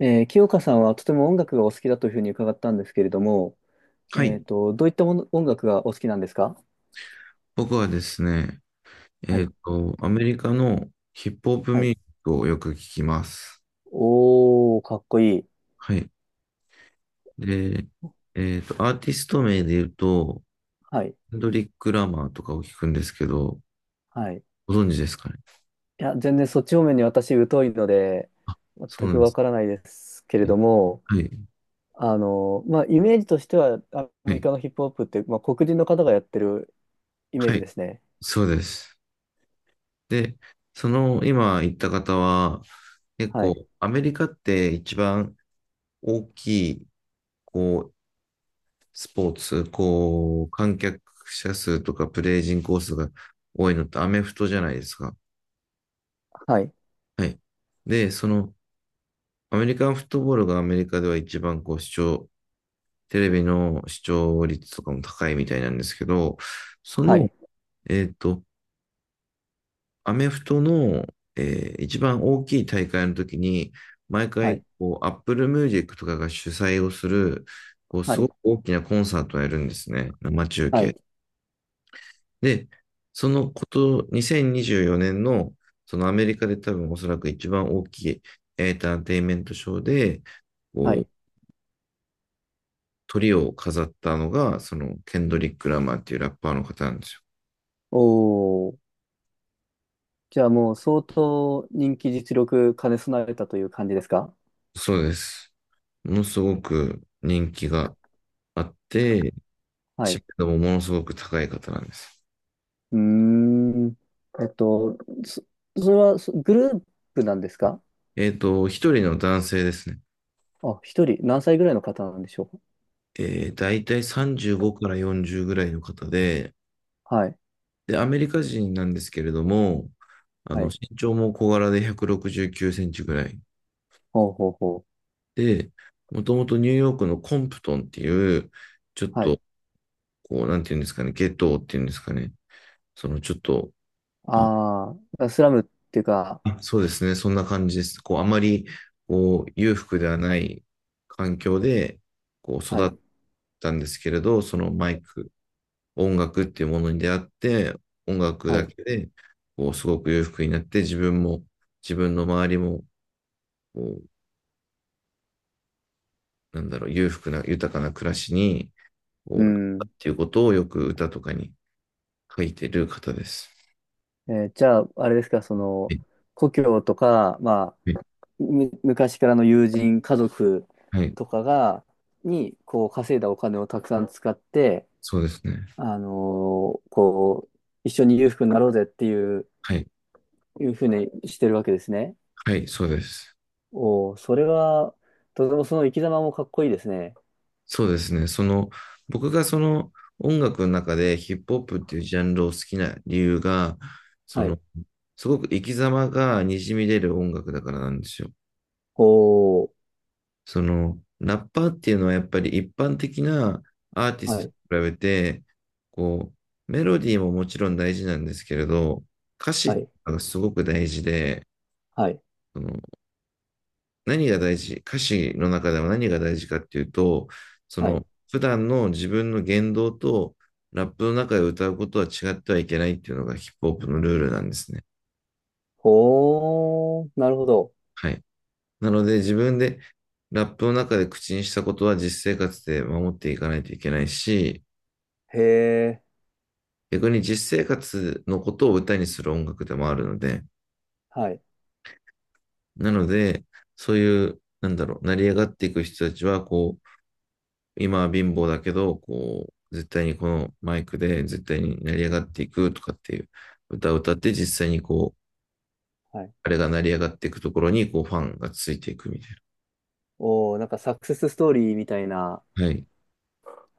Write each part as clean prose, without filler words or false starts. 清香さんはとても音楽がお好きだというふうに伺ったんですけれども、はい。どういったもの音楽がお好きなんですか？僕はですね、はい。アメリカのヒップホップはミュい。ージックをよく聞きます。おー、かっこいい。はい。で、アーティスト名で言うと、はい。ヘンドリック・ラマーとかを聞くんですけど、はい。いご存知ですかね。や、全然そっち方面に私疎いので、あ、全そうなくんでわすからないですけれね。ども、はい。あの、まあ、イメージとしては、アはメリカのヒップホップって、まあ、黒人の方がやってるイメーはジい。ですね。そうです。で、その今言った方は、結はい。構、アメリカって一番大きい、こう、スポーツ、観客者数とかプレイ人口数が多いのってアメフトじゃないですか。はい。はい。で、その、アメリカンフットボールがアメリカでは一番視聴、テレビの視聴率とかも高いみたいなんですけど、そはの、い。えっと、アメフトの、一番大きい大会の時に、毎は回、い。こう、Apple Music とかが主催をする、こう、はすごい。く大きなコンサートをやるんですね。生中は継い。で、そのこと、2024年の、そのアメリカで多分おそらく一番大きいエンターテインメントショーで、はこう、い。鳥を飾ったのが、その、ケンドリック・ラマーっていうラッパーの方なんですよ。おー。じゃあもう相当人気実力兼ね備えたという感じですか？そうです。ものすごく人気があって、はい。知う名度もものすごく高い方なんです。ーん。えっと、そ、それはグループなんですか？一人の男性ですね。あ、一人、何歳ぐらいの方なんでしょうだいたい35から40ぐらいの方で、か？はい。で、アメリカ人なんですけれども、あはの、い。身長も小柄で169センチぐらい。ほうほうほう。で、もともとニューヨークのコンプトンっていう、ちょっはい。と、こう、なんていうんですかね、ゲットーっていうんですかね、そのちょっと、あ、ああ、スラムっていうか、あ、そうですね、そんな感じです。こう、あまり、こう、裕福ではない環境で、こう、は育い。ったんですけれど、そのマイク、音楽っていうものに出会って、音楽はだい。けで、こう、すごく裕福になって、自分も、自分の周りも、こう、なんだろう、裕福な、豊かな暮らしに、こう、なうったっん。ていうことをよく歌とかに書いてる方です。えー、じゃあ、あれですか、そはの、い、故郷とか、まはい、あ、昔からの友人、家族はい。とかが、に、こう、稼いだお金をたくさん使って、そうですね。あのー、こう、一緒に裕福になろうぜっていう、はい、いうふうにしてるわけですね。はい、そうです。おお、それは、とてもその生き様もかっこいいですね。そうですね。その、僕がその音楽の中でヒップホップっていうジャンルを好きな理由が、そはの、い。すごく生き様がにじみ出る音楽だからなんですよ。おお、その、ラッパーっていうのはやっぱり一般的なアーティスはトい、と比べて、こう、メロディーももちろん大事なんですけれど、歌は詞い、がすごく大事で、はい、その何が大事、歌詞の中では何が大事かっていうと、そはい。の、普段の自分の言動とラップの中で歌うことは違ってはいけないっていうのがヒップホップのルールなんですね。ほー、なるほど。はい。なので自分でラップの中で口にしたことは実生活で守っていかないといけないし、へえ、逆に実生活のことを歌にする音楽でもあるので、はい、なので、そういう、なんだろう、成り上がっていく人たちは、こう、今は貧乏だけど、こう、絶対にこのマイクで絶対に成り上がっていくとかっていう歌を歌って実際にこう、はい。あれが成り上がっていくところにこうファンがついていくみたいおお、なんかサクセスストーリーみたいな、な。はい。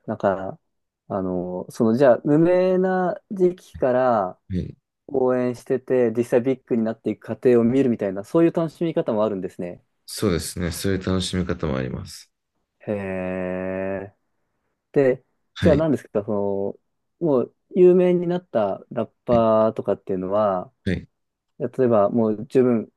なんか、あのその、じゃあ、無名な時期からはい。応援してて、実際ビッグになっていく過程を見るみたいな、そういう楽しみ方もあるんですね。そうですね。そういう楽しみ方もあります。へえ。で、じゃはあい。何ですか、その、もう有名になったラッはい。パーとかっていうのは、はい。例えばもう十分、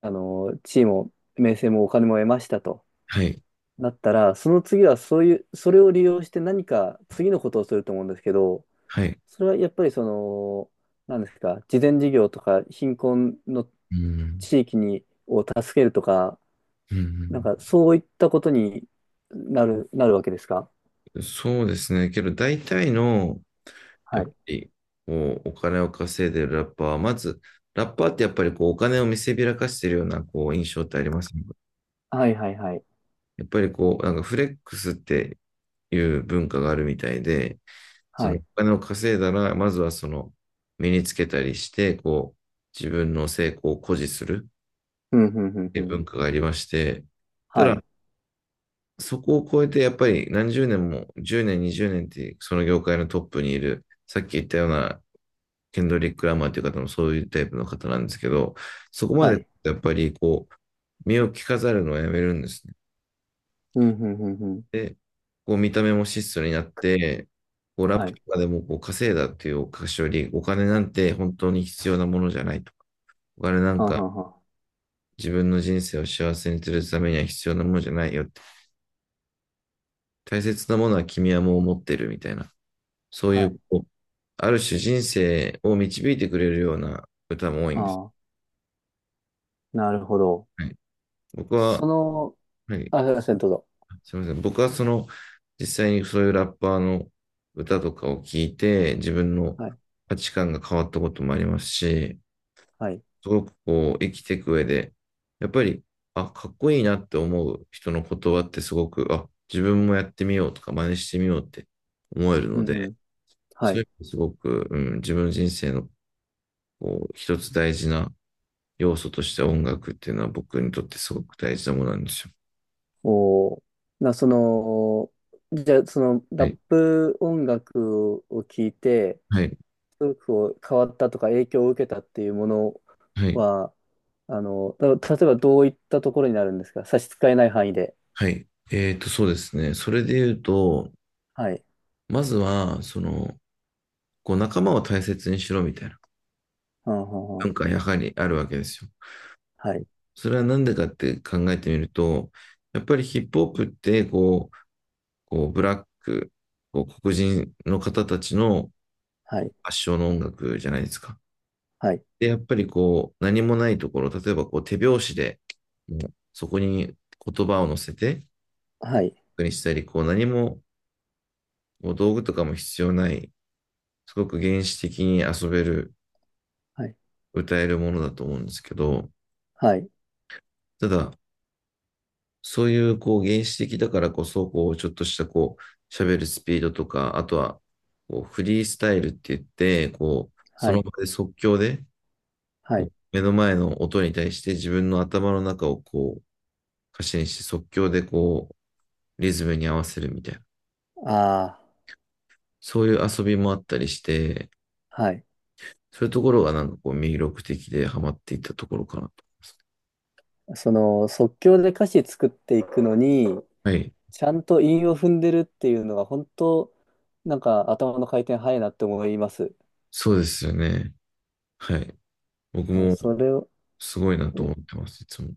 あの、地位も名声もお金も得ましたとはい。なったら、その次はそういう、それを利用して何か次のことをすると思うんですけど、はい。それはやっぱりその、何ですか、慈善事業とか貧困のうん。地域に、を助けるとか、うなんん。かそういったことになるわけですか？そうですね。けど大体の、はやっぱい。り、もうお金を稼いでるラッパーは、まず、ラッパーってやっぱりこうお金を見せびらかしてるようなこう印象ってありますね。はいはいはい。やっぱりこう、なんかフレックスっていう文化があるみたいで、そはのおい。金を稼いだら、まずはその身につけたりして、こう、自分の成功を誇示するっうん、うん、うん、ていううん。文化がありまして、たはだ、い。そこを超えてやっぱり何十年も、10年、20年ってその業界のトップにいる、さっき言ったようなケンドリック・ラマーという方もそういうタイプの方なんですけど、そこまはでい。やっぱりこう、目を着飾るのをやめるんですね。うん、うん、うん、うん。で、こう見た目も質素になって、こうラッはプい。とかでもこう稼いだっていうお菓子より、お金なんて本当に必要なものじゃないとか、お金なんはんはかんはん。自分の人生を幸せにするためには必要なものじゃないよって、大切なものは君はもう持ってるみたいな、そういはい。う、こう、ある種人生を導いてくれるような歌も多いんです。ああ、なるほど。はい、僕そは、の、はい、あ、すいません、どうぞ。すみません。僕はその、実際にそういうラッパーの歌とかを聞いて、自分のはい。価値観が変わったこともありますし、はい。すごくこう、生きていく上で、やっぱり、あ、かっこいいなって思う人の言葉ってすごく、あ、自分もやってみようとか、真似してみようって思えるうのん、うで、ん。はそういい。う意味ですごく、うん、自分の人生のこう一つ大事な要素として音楽っていうのは僕にとってすごく大事なものなんですよ。おー、な、その、じゃあ、その、はラッい。プ音楽を聞いて、はい。すごくこう変わったとか影響を受けたっていうものはい。は、あの、た、例えばどういったところになるんですか、差し支えない範囲で。はい。そうですね。それで言うと、はい。まずは、その、こう、仲間を大切にしろみたいなはんはんは文ん。化はやはりあるわけですよ。はい。それはなんでかって考えてみると、やっぱりヒップホップって、こうブラック、こう黒人の方たちのはこうい。発祥の音楽じゃないですか。はい。で、やっぱりこう、何もないところ、例えばこう手拍子で、もうそこに言葉を乗せて、はい、にしたり、こう、何も、こう道具とかも必要ない、すごく原始的に遊べる、はい、歌えるものだと思うんですけど、はい、ただ、そういうこう原始的だからこそ、こうちょっとしたこう喋るスピードとか、あとはこうフリースタイルって言って、こうそはのい、場で即興ではい。目の前の音に対して自分の頭の中をこう歌詞にして即興でこうリズムに合わせるみたいな、あそういう遊びもあったりして、あ、はい。そういうところがなんかこう魅力的でハマっていったところかなと思います。その即興で歌詞作っていくのに、はい、ちゃんと韻を踏んでるっていうのが本当、なんか頭の回転早いなって思います。そうですよね。はい。僕うん、もそれを、すごいなとえ、思ってます、いつも。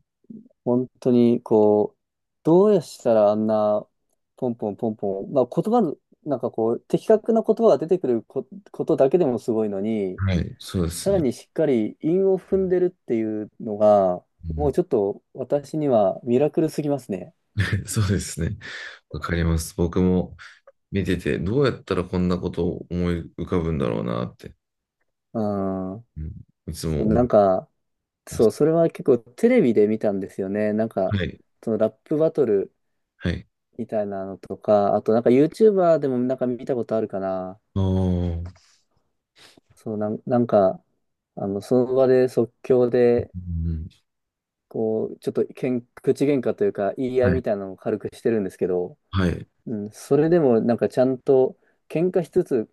本当にこう、どうしたらあんな、ポンポンポンポン、まあ言葉の、なんかこう、的確な言葉が出てくることだけでもすごいのに、はい、そうでさすらね。にしっかり韻を踏んでるっていうのが、うもん、うちょっと私にはミラクルすぎますね。そうですね。わかります。僕も見てて、どうやったらこんなことを思い浮かぶんだろうなって、うん。うん、いつそもう、思っなてんか、まそす。う、それは結構テレビで見たんですよね。なんか、はい、そのラップバトルはい。みたいなのとか、あとなんか YouTuber でもなんか見たことあるかな。ああ、うそう、なんか、あの、その場で即興で、ん、こう、ちょっと口喧嘩というか言い合いはい、みたいなのを軽くしてるんですけど、はい、うん、それでもなんかちゃんと、喧嘩しつつ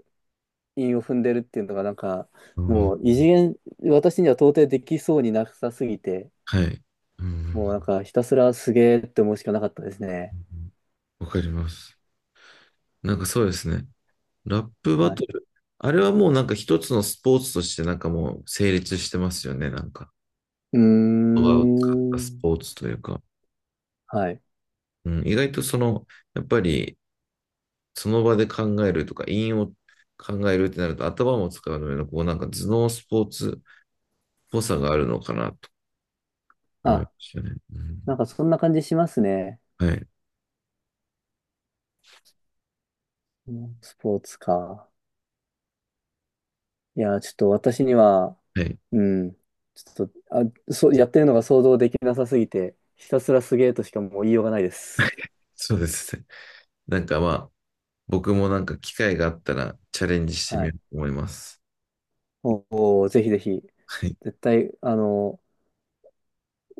韻を踏んでるっていうのがなんか、あもうー、異次元、私には到底できそうになさすぎて、はい。うもうん、なんかひたすらすげーって思うしかなかったですね。わかります。なんかそうですね。ラップバはい。トル。あれはもうなんか一つのスポーツとしてなんかもう成立してますよね、なんか。うーことが買ったスん。ポーツというか、はい。うん、意外とその、やっぱりその場で考えるとか、韻を考えるってなると頭も使うので、こうなんか頭脳スポーツっぽさがあるのかなと思いまあ、したね。うなんん、かそんな感じしますね。はい。うん、スポーツか。いやー、ちょっと私には、はい。うん。ちょっと、あ、そう、やってるのが想像できなさすぎて、ひたすらすげーとしかもう言いようがないです。そうですね。なんかまあ、僕もなんか機会があったらチャレンジしてはみよい。うと思います。おお、ぜひぜひ。はい。絶対、あの、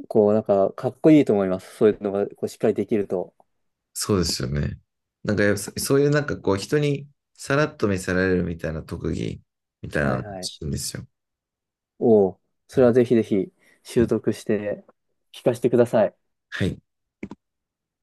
こう、なんか、かっこいいと思います。そういうのが、こう、しっかりできると。そうですよね。なんかやっぱそういうなんかこう人にさらっと見せられるみたいな特技みたいなはのいが欲はい。しいんですよ。おお、それはぜひぜひ、は習い。得して、聞かせてください。はい